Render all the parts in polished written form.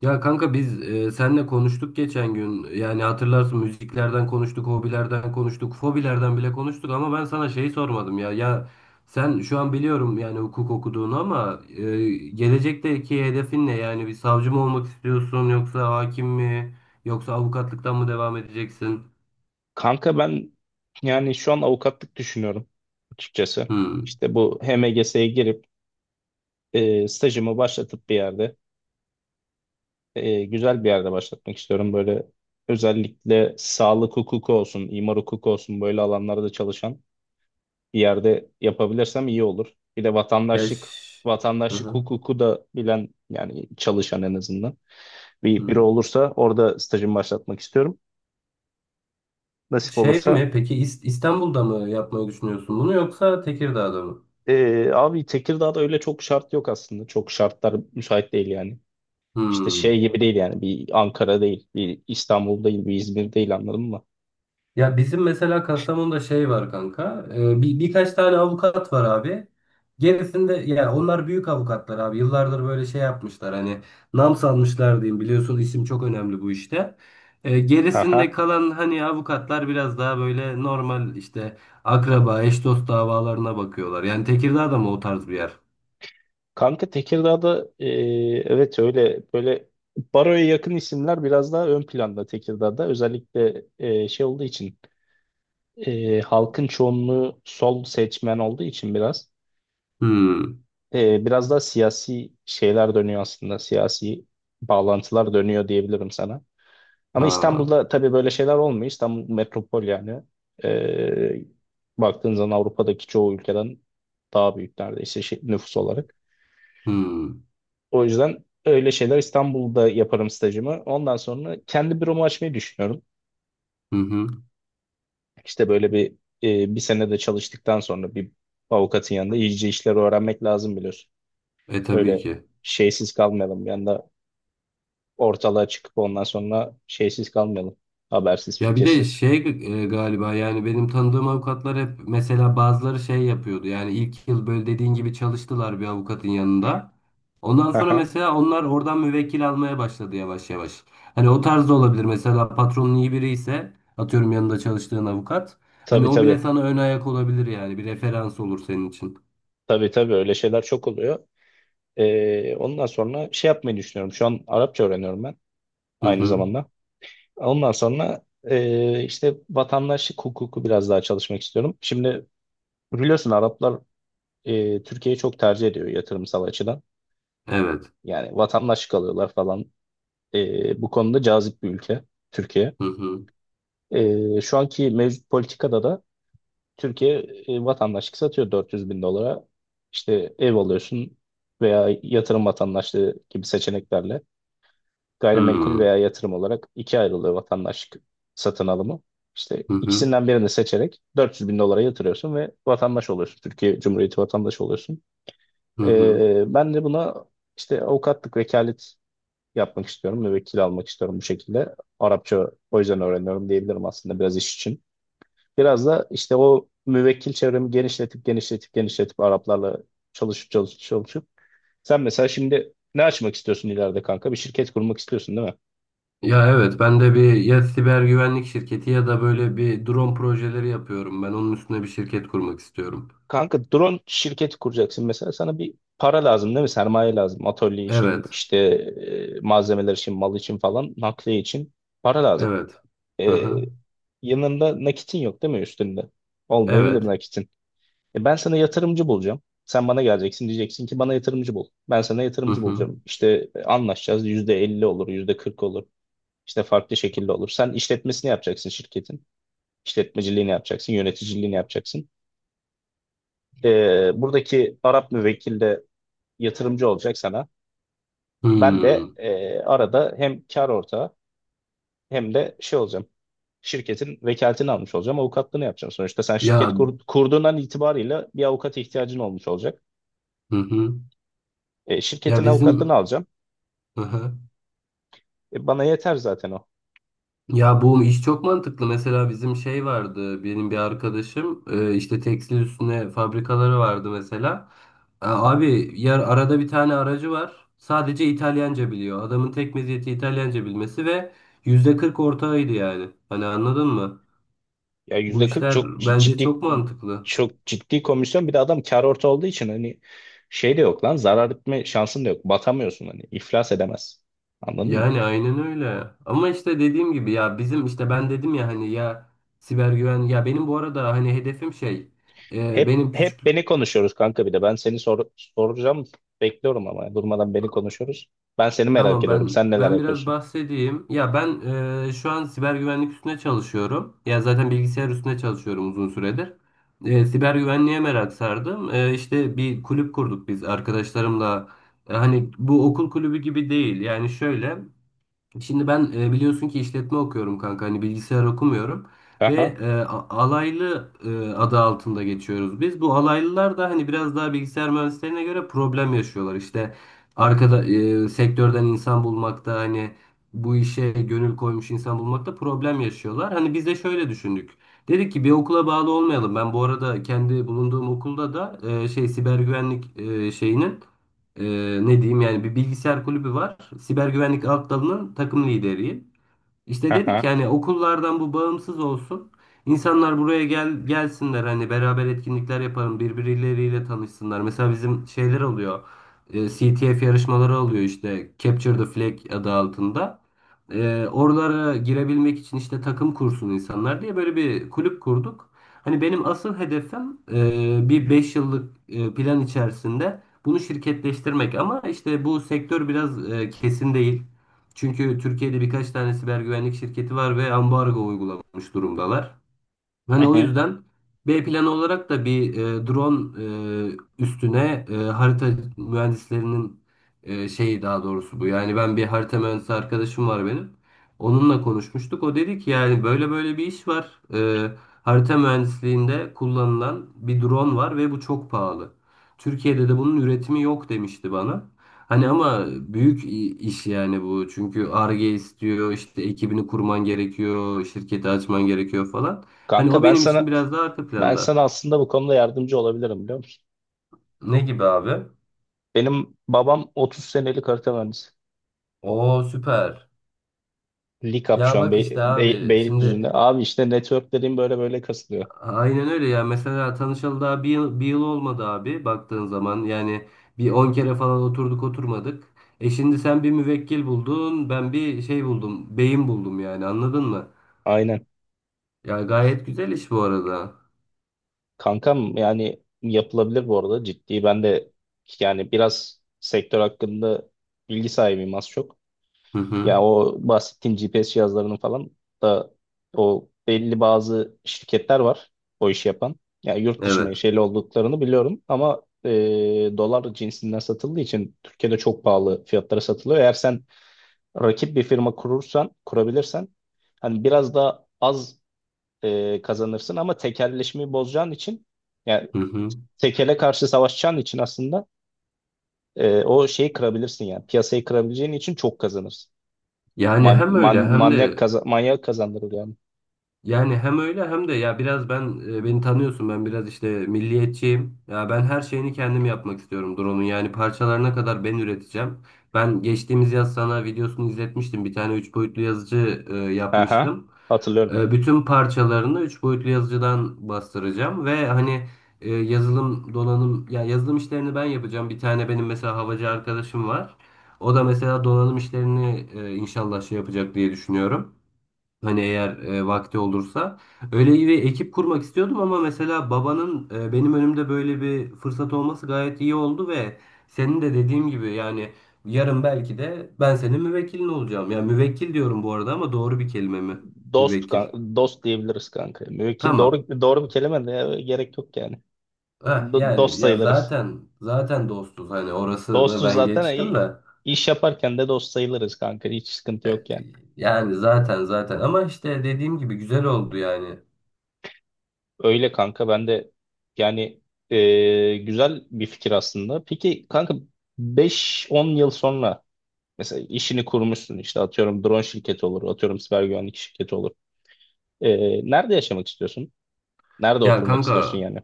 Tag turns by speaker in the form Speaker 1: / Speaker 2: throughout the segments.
Speaker 1: Ya kanka biz senle konuştuk geçen gün. Yani hatırlarsın müziklerden konuştuk, hobilerden konuştuk, fobilerden bile konuştuk ama ben sana şeyi sormadım ya. Ya sen şu an biliyorum yani hukuk okuduğunu ama gelecekteki hedefin ne? Yani bir savcı mı olmak istiyorsun yoksa hakim mi yoksa avukatlıktan mı devam edeceksin?
Speaker 2: Kanka ben yani şu an avukatlık düşünüyorum açıkçası.
Speaker 1: Hmm.
Speaker 2: İşte bu HMGS'ye girip stajımı başlatıp bir yerde güzel bir yerde başlatmak istiyorum. Böyle özellikle sağlık hukuku olsun, imar hukuku olsun böyle alanlarda çalışan bir yerde yapabilirsem iyi olur. Bir de
Speaker 1: Ya
Speaker 2: vatandaşlık
Speaker 1: ş- Hı
Speaker 2: vatandaşlık
Speaker 1: hı.
Speaker 2: hukuku da bilen yani çalışan en azından bir biri
Speaker 1: Hmm.
Speaker 2: olursa orada stajımı başlatmak istiyorum. Nasip
Speaker 1: Şey
Speaker 2: olursa.
Speaker 1: mi peki İstanbul'da mı yapmayı düşünüyorsun bunu yoksa Tekirdağ'da mı?
Speaker 2: Abi Tekirdağ'da öyle çok şart yok aslında. Çok şartlar müsait değil yani. İşte şey
Speaker 1: Hmm.
Speaker 2: gibi değil yani. Bir Ankara değil, bir İstanbul değil, bir İzmir değil, anladın mı?
Speaker 1: Ya bizim mesela Kastamonu'da şey var kanka. Birkaç tane avukat var abi. Gerisinde ya onlar büyük avukatlar abi. Yıllardır böyle şey yapmışlar hani nam salmışlar diyeyim. Biliyorsun isim çok önemli bu işte. Gerisinde
Speaker 2: Aha.
Speaker 1: kalan hani avukatlar biraz daha böyle normal işte akraba, eş dost davalarına bakıyorlar. Yani Tekirdağ da mı o tarz bir yer?
Speaker 2: Kanka Tekirdağ'da, evet, öyle böyle baroya yakın isimler biraz daha ön planda Tekirdağ'da. Özellikle şey olduğu için, halkın çoğunluğu sol seçmen olduğu için biraz
Speaker 1: Hmm.
Speaker 2: biraz daha siyasi şeyler dönüyor aslında. Siyasi bağlantılar dönüyor diyebilirim sana. Ama
Speaker 1: Aa.
Speaker 2: İstanbul'da tabii böyle şeyler olmuyor. İstanbul metropol yani. Ee, Baktığın zaman Avrupa'daki çoğu ülkeden daha büyük neredeyse, nüfus olarak.
Speaker 1: Hmm.
Speaker 2: O yüzden öyle şeyler İstanbul'da yaparım stajımı. Ondan sonra kendi büromu açmayı düşünüyorum.
Speaker 1: Hı hı.
Speaker 2: İşte böyle bir bir sene de çalıştıktan sonra bir avukatın yanında iyice işleri öğrenmek lazım, biliyorsun.
Speaker 1: E tabii
Speaker 2: Öyle
Speaker 1: ki.
Speaker 2: şeysiz kalmayalım. Bir anda ortalığa çıkıp ondan sonra şeysiz kalmayalım. Habersiz,
Speaker 1: Ya bir de
Speaker 2: fikirsiz.
Speaker 1: şey galiba yani benim tanıdığım avukatlar hep mesela bazıları şey yapıyordu. Yani ilk yıl böyle dediğin gibi çalıştılar bir avukatın yanında. Ondan sonra
Speaker 2: Aha.
Speaker 1: mesela onlar oradan müvekkil almaya başladı yavaş yavaş. Hani o tarz da olabilir. Mesela patronun iyi biri ise atıyorum yanında çalıştığın avukat. Hani
Speaker 2: Tabii
Speaker 1: o bile
Speaker 2: tabii.
Speaker 1: sana ön ayak olabilir yani bir referans olur senin için.
Speaker 2: Tabii tabii, öyle şeyler çok oluyor. Ondan sonra şey yapmayı düşünüyorum. Şu an Arapça öğreniyorum ben
Speaker 1: Hı
Speaker 2: aynı
Speaker 1: hı.
Speaker 2: zamanda. Ondan sonra işte vatandaşlık hukuku biraz daha çalışmak istiyorum. Şimdi biliyorsun Araplar Türkiye'yi çok tercih ediyor yatırımsal açıdan.
Speaker 1: Evet.
Speaker 2: Yani vatandaşlık alıyorlar falan. Bu konuda cazip bir ülke Türkiye.
Speaker 1: Hı hı.
Speaker 2: Şu anki mevcut politikada da Türkiye vatandaşlık satıyor 400 bin dolara. İşte ev alıyorsun veya yatırım vatandaşlığı gibi seçeneklerle.
Speaker 1: Hı
Speaker 2: Gayrimenkul
Speaker 1: hı.
Speaker 2: veya yatırım olarak ikiye ayrılıyor vatandaşlık satın alımı. İşte
Speaker 1: Hı hı.
Speaker 2: ikisinden birini seçerek 400 bin dolara yatırıyorsun ve vatandaş oluyorsun. Türkiye Cumhuriyeti vatandaşı oluyorsun.
Speaker 1: Hı hı.
Speaker 2: Ben de buna işte avukatlık, vekalet yapmak istiyorum. Müvekkil almak istiyorum bu şekilde. Arapça o yüzden öğreniyorum diyebilirim aslında, biraz iş için. Biraz da işte o müvekkil çevremi genişletip genişletip genişletip Araplarla çalışıp çalışıp çalışıp. Sen mesela şimdi ne açmak istiyorsun ileride kanka? Bir şirket kurmak istiyorsun değil mi?
Speaker 1: Ya evet ben de bir ya siber güvenlik şirketi ya da böyle bir drone projeleri yapıyorum. Ben onun üstüne bir şirket kurmak istiyorum.
Speaker 2: Kanka drone şirketi kuracaksın, mesela sana bir para lazım değil mi? Sermaye lazım. Atölye için,
Speaker 1: Evet.
Speaker 2: işte malzemeler için, mal için falan, nakliye için para lazım.
Speaker 1: Evet. Hı
Speaker 2: E,
Speaker 1: hı.
Speaker 2: Yanında nakitin yok değil mi üstünde? Olmayabilir
Speaker 1: Evet.
Speaker 2: nakitin. Ben sana yatırımcı bulacağım. Sen bana geleceksin, diyeceksin ki bana yatırımcı bul. Ben sana
Speaker 1: Hı
Speaker 2: yatırımcı
Speaker 1: hı.
Speaker 2: bulacağım. İşte anlaşacağız. %50 olur, %40 olur. İşte farklı şekilde olur. Sen işletmesini yapacaksın şirketin. İşletmeciliğini yapacaksın, yöneticiliğini yapacaksın. Buradaki Arap müvekkil de yatırımcı olacak sana. Ben de
Speaker 1: Hmm.
Speaker 2: arada hem kar ortağı hem de şey olacağım. Şirketin vekaletini almış olacağım. Avukatlığını yapacağım. Sonuçta sen
Speaker 1: Ya
Speaker 2: şirket kurduğundan itibariyle bir avukata ihtiyacın olmuş olacak.
Speaker 1: hı hı. Ya
Speaker 2: Şirketin avukatlığını
Speaker 1: bizim
Speaker 2: alacağım.
Speaker 1: hı hı.
Speaker 2: Bana yeter zaten o.
Speaker 1: Ya bu iş çok mantıklı. Mesela bizim şey vardı, benim bir arkadaşım işte tekstil üstüne fabrikaları vardı mesela. Abi yer arada bir tane aracı var. Sadece İtalyanca biliyor. Adamın tek meziyeti İtalyanca bilmesi ve %40 ortağıydı yani. Hani anladın mı?
Speaker 2: Ya
Speaker 1: Bu
Speaker 2: yüzde 40 çok
Speaker 1: işler bence
Speaker 2: ciddi,
Speaker 1: çok mantıklı.
Speaker 2: çok ciddi komisyon. Bir de adam kar orta olduğu için, hani şey de yok lan, zarar etme şansın da yok. Batamıyorsun, hani iflas edemez. Anladın mı?
Speaker 1: Yani aynen öyle. Ama işte dediğim gibi ya bizim işte ben dedim ya hani ya siber güven ya benim bu arada hani hedefim şey
Speaker 2: Hep
Speaker 1: benim küçük.
Speaker 2: hep beni konuşuyoruz kanka bir de. Ben seni soracağım. Bekliyorum ama durmadan beni konuşuyoruz. Ben seni merak
Speaker 1: Tamam
Speaker 2: ediyorum.
Speaker 1: ben
Speaker 2: Sen neler
Speaker 1: ben biraz
Speaker 2: yapıyorsun?
Speaker 1: bahsedeyim. Ya ben şu an siber güvenlik üstüne çalışıyorum. Ya zaten bilgisayar üstüne çalışıyorum uzun süredir. Siber güvenliğe merak sardım. E, işte bir kulüp kurduk biz arkadaşlarımla. Hani bu okul kulübü gibi değil. Yani şöyle. Şimdi ben biliyorsun ki işletme okuyorum kanka hani bilgisayar okumuyorum ve
Speaker 2: Aha,
Speaker 1: alaylı adı altında geçiyoruz biz. Bu alaylılar da hani biraz daha bilgisayar mühendislerine göre problem yaşıyorlar. İşte arkada sektörden insan bulmakta hani bu işe gönül koymuş insan bulmakta problem yaşıyorlar. Hani biz de şöyle düşündük. Dedik ki bir okula bağlı olmayalım. Ben bu arada kendi bulunduğum okulda da şey siber güvenlik şeyinin e, ne diyeyim yani bir bilgisayar kulübü var. Siber güvenlik alt dalının takım lideriyim. İşte dedik
Speaker 2: aha,
Speaker 1: yani okullardan bu bağımsız olsun. İnsanlar buraya gelsinler hani beraber etkinlikler yapalım, birbirleriyle tanışsınlar. Mesela bizim şeyler oluyor. CTF yarışmaları oluyor işte Capture the Flag adı altında. Oralara girebilmek için işte takım kursun insanlar diye böyle bir kulüp kurduk. Hani benim asıl hedefim bir 5 yıllık plan içerisinde bunu şirketleştirmek ama işte bu sektör biraz kesin değil. Çünkü Türkiye'de birkaç tane siber güvenlik şirketi var ve ambargo uygulamış durumdalar. Hani o
Speaker 2: aha.
Speaker 1: yüzden B planı olarak da bir drone üstüne harita mühendislerinin şeyi daha doğrusu bu. Yani ben bir harita mühendisi arkadaşım var benim. Onunla konuşmuştuk. O dedi ki yani böyle böyle bir iş var. Harita mühendisliğinde kullanılan bir drone var ve bu çok pahalı. Türkiye'de de bunun üretimi yok demişti bana. Hani ama büyük iş yani bu. Çünkü Ar-Ge istiyor, işte ekibini kurman gerekiyor, şirketi açman gerekiyor falan. Hani
Speaker 2: Kanka
Speaker 1: o
Speaker 2: ben
Speaker 1: benim için
Speaker 2: sana
Speaker 1: biraz daha arka
Speaker 2: ben
Speaker 1: planda.
Speaker 2: sana aslında bu konuda yardımcı olabilirim, biliyor musun?
Speaker 1: Ne gibi abi?
Speaker 2: Benim babam 30 senelik harita mühendisi.
Speaker 1: Oo süper.
Speaker 2: Likap şu
Speaker 1: Ya
Speaker 2: an
Speaker 1: bak işte abi şimdi
Speaker 2: Beylikdüzü'nde. Abi işte network dediğim böyle böyle kasılıyor.
Speaker 1: aynen öyle ya. Mesela tanışalı daha bir yıl olmadı abi baktığın zaman. Yani bir 10 kere falan oturduk oturmadık. Şimdi sen bir müvekkil buldun, ben bir şey buldum, beyin buldum yani anladın mı?
Speaker 2: Aynen.
Speaker 1: Ya gayet güzel iş bu arada.
Speaker 2: Kankam yani yapılabilir bu arada, ciddi. Ben de yani biraz sektör hakkında bilgi sahibiyim az çok.
Speaker 1: Hı hı.
Speaker 2: Ya o bahsettiğim GPS cihazlarının falan da, o belli bazı şirketler var o işi yapan. Ya yurt dışı
Speaker 1: Evet.
Speaker 2: menşeli olduklarını biliyorum ama dolar cinsinden satıldığı için Türkiye'de çok pahalı fiyatlara satılıyor. Eğer sen rakip bir firma kurursan, kurabilirsen, hani biraz daha az kazanırsın ama tekelleşmeyi bozacağın için, yani
Speaker 1: Hı hı.
Speaker 2: tekele karşı savaşacağın için aslında o şeyi kırabilirsin, yani piyasayı kırabileceğin için çok kazanırsın.
Speaker 1: Yani hem öyle hem
Speaker 2: Manyak
Speaker 1: de.
Speaker 2: manyak kazandırır yani.
Speaker 1: Yani hem öyle hem de ya biraz ben beni tanıyorsun ben biraz işte milliyetçiyim. Ya ben her şeyini kendim yapmak istiyorum drone'un. Yani parçalarına kadar ben üreteceğim. Ben geçtiğimiz yaz sana videosunu izletmiştim. Bir tane 3 boyutlu yazıcı
Speaker 2: Aha,
Speaker 1: yapmıştım.
Speaker 2: hatırlıyorum.
Speaker 1: Bütün parçalarını 3 boyutlu yazıcıdan bastıracağım ve hani yazılım donanım ya yazılım işlerini ben yapacağım. Bir tane benim mesela havacı arkadaşım var. O da mesela donanım işlerini inşallah şey yapacak diye düşünüyorum. Hani eğer vakti olursa. Öyle bir ekip kurmak istiyordum ama mesela babanın benim önümde böyle bir fırsat olması gayet iyi oldu ve senin de dediğim gibi yani yarın belki de ben senin müvekkilin olacağım. Ya müvekkil diyorum bu arada ama doğru bir kelime mi?
Speaker 2: Dost,
Speaker 1: Müvekkil.
Speaker 2: dost diyebiliriz kanka. Müvekkil
Speaker 1: Tamam.
Speaker 2: doğru bir kelime de ya, gerek yok yani.
Speaker 1: Heh,
Speaker 2: Dost
Speaker 1: yani ya
Speaker 2: sayılırız.
Speaker 1: zaten dostuz hani orasını
Speaker 2: Dostuz
Speaker 1: ben
Speaker 2: zaten,
Speaker 1: geçtim de.
Speaker 2: iş yaparken de dost sayılırız kanka. Hiç sıkıntı
Speaker 1: E,
Speaker 2: yok yani.
Speaker 1: yani zaten ama işte dediğim gibi güzel oldu yani.
Speaker 2: Öyle kanka, ben de yani güzel bir fikir aslında. Peki kanka, beş on yıl sonra mesela işini kurmuşsun, işte atıyorum drone şirketi olur, atıyorum siber güvenlik şirketi olur. Nerede yaşamak istiyorsun? Nerede
Speaker 1: Ya
Speaker 2: oturmak istiyorsun
Speaker 1: kanka.
Speaker 2: yani?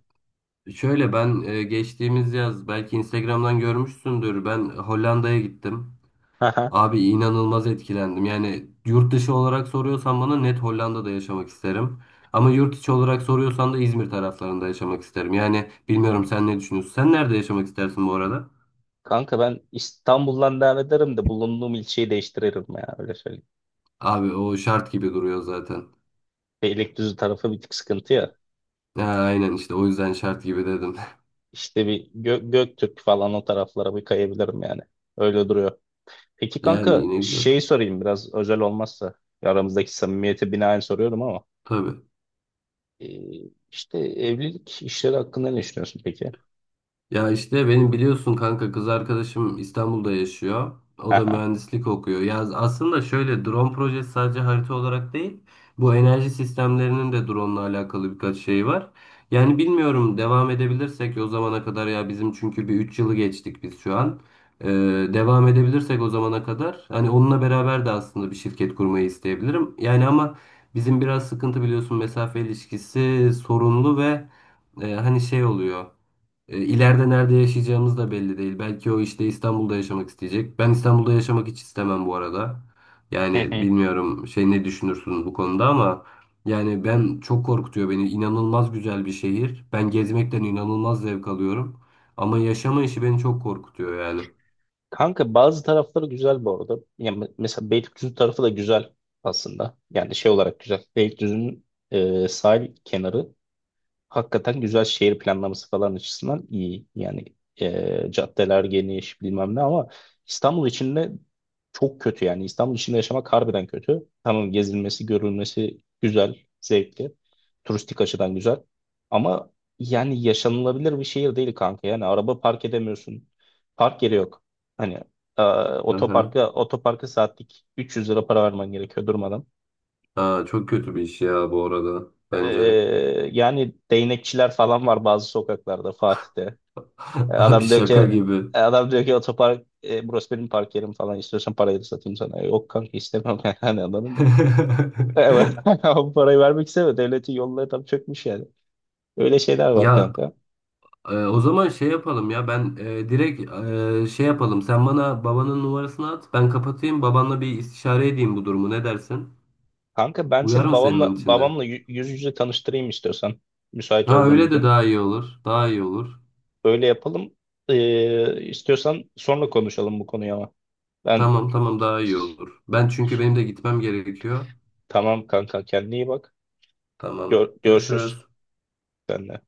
Speaker 1: Şöyle ben geçtiğimiz yaz belki Instagram'dan görmüşsündür. Ben Hollanda'ya gittim.
Speaker 2: Aha.
Speaker 1: Abi inanılmaz etkilendim. Yani yurt dışı olarak soruyorsan bana net Hollanda'da yaşamak isterim. Ama yurt içi olarak soruyorsan da İzmir taraflarında yaşamak isterim. Yani bilmiyorum sen ne düşünüyorsun? Sen nerede yaşamak istersin bu arada?
Speaker 2: Kanka ben İstanbul'dan devam ederim de bulunduğum ilçeyi değiştiririm, ya öyle söyleyeyim.
Speaker 1: Abi o şart gibi duruyor zaten.
Speaker 2: Beylikdüzü tarafı bir tık sıkıntı ya.
Speaker 1: Ha, aynen işte o yüzden şart gibi dedim.
Speaker 2: İşte bir Göktürk falan, o taraflara bir kayabilirim yani. Öyle duruyor. Peki
Speaker 1: Yani
Speaker 2: kanka,
Speaker 1: yine güzel.
Speaker 2: şey sorayım biraz, özel olmazsa. Aramızdaki samimiyete binaen soruyorum ama.
Speaker 1: Tabii.
Speaker 2: Ee, işte evlilik işleri hakkında ne düşünüyorsun peki?
Speaker 1: Ya işte benim biliyorsun kanka kız arkadaşım İstanbul'da yaşıyor. O da
Speaker 2: Aha.
Speaker 1: mühendislik okuyor. Ya aslında şöyle drone projesi sadece harita olarak değil. Bu enerji sistemlerinin de drone'la alakalı birkaç şey var. Yani bilmiyorum devam edebilirsek o zamana kadar ya bizim çünkü bir 3 yılı geçtik biz şu an. Ee, devam edebilirsek o zamana kadar hani onunla beraber de aslında bir şirket kurmayı isteyebilirim. Yani ama bizim biraz sıkıntı biliyorsun mesafe ilişkisi sorunlu ve hani şey oluyor. E, ileride nerede yaşayacağımız da belli değil. Belki o işte İstanbul'da yaşamak isteyecek. Ben İstanbul'da yaşamak hiç istemem bu arada. Yani bilmiyorum şey ne düşünürsün bu konuda ama yani ben çok korkutuyor beni. İnanılmaz güzel bir şehir. Ben gezmekten inanılmaz zevk alıyorum. Ama yaşama işi beni çok korkutuyor yani.
Speaker 2: Kanka bazı tarafları güzel bu arada. Yani mesela Beylikdüzü tarafı da güzel aslında. Yani şey olarak güzel. Beylikdüzü'nün sahil kenarı hakikaten güzel, şehir planlaması falan açısından iyi. Yani caddeler geniş bilmem ne, ama İstanbul içinde çok kötü yani. İstanbul içinde yaşamak harbiden kötü. Tamam, gezilmesi, görülmesi güzel, zevkli. Turistik açıdan güzel. Ama yani yaşanılabilir bir şehir değil kanka. Yani araba park edemiyorsun. Park yeri yok. Hani e,
Speaker 1: Aha.
Speaker 2: otoparka saatlik 300 lira para vermen gerekiyor durmadan.
Speaker 1: Aa, çok kötü bir iş ya bu arada bence.
Speaker 2: Ee, Yani değnekçiler falan var bazı sokaklarda Fatih'te.
Speaker 1: Abi
Speaker 2: Adam diyor ki,
Speaker 1: şaka gibi.
Speaker 2: otopark, burası benim park yerim falan, istiyorsan parayı da satayım sana. Yok kanka, istemem, yani anladın mı? Evet. Bu parayı vermek istemiyor. Devletin yolları tam çökmüş yani. Öyle şeyler var
Speaker 1: Ya
Speaker 2: kanka.
Speaker 1: O zaman şey yapalım ya ben direkt şey yapalım sen bana babanın numarasını at ben kapatayım babanla bir istişare edeyim bu durumu ne dersin?
Speaker 2: Kanka ben
Speaker 1: Uyar
Speaker 2: seni
Speaker 1: mı
Speaker 2: babamla
Speaker 1: senin içinde?
Speaker 2: babamla yüz yüze tanıştırayım istiyorsan. Müsait
Speaker 1: Ha,
Speaker 2: olduğum
Speaker 1: öyle
Speaker 2: bir
Speaker 1: de
Speaker 2: gün.
Speaker 1: daha iyi olur, daha iyi olur.
Speaker 2: Öyle yapalım. İstiyorsan sonra konuşalım bu konuyu ama. Ben.
Speaker 1: Tamam tamam, daha iyi olur, ben çünkü benim de gitmem gerekiyor.
Speaker 2: Tamam kanka, kendine iyi bak.
Speaker 1: Tamam,
Speaker 2: Görüşürüz
Speaker 1: görüşürüz.
Speaker 2: seninle.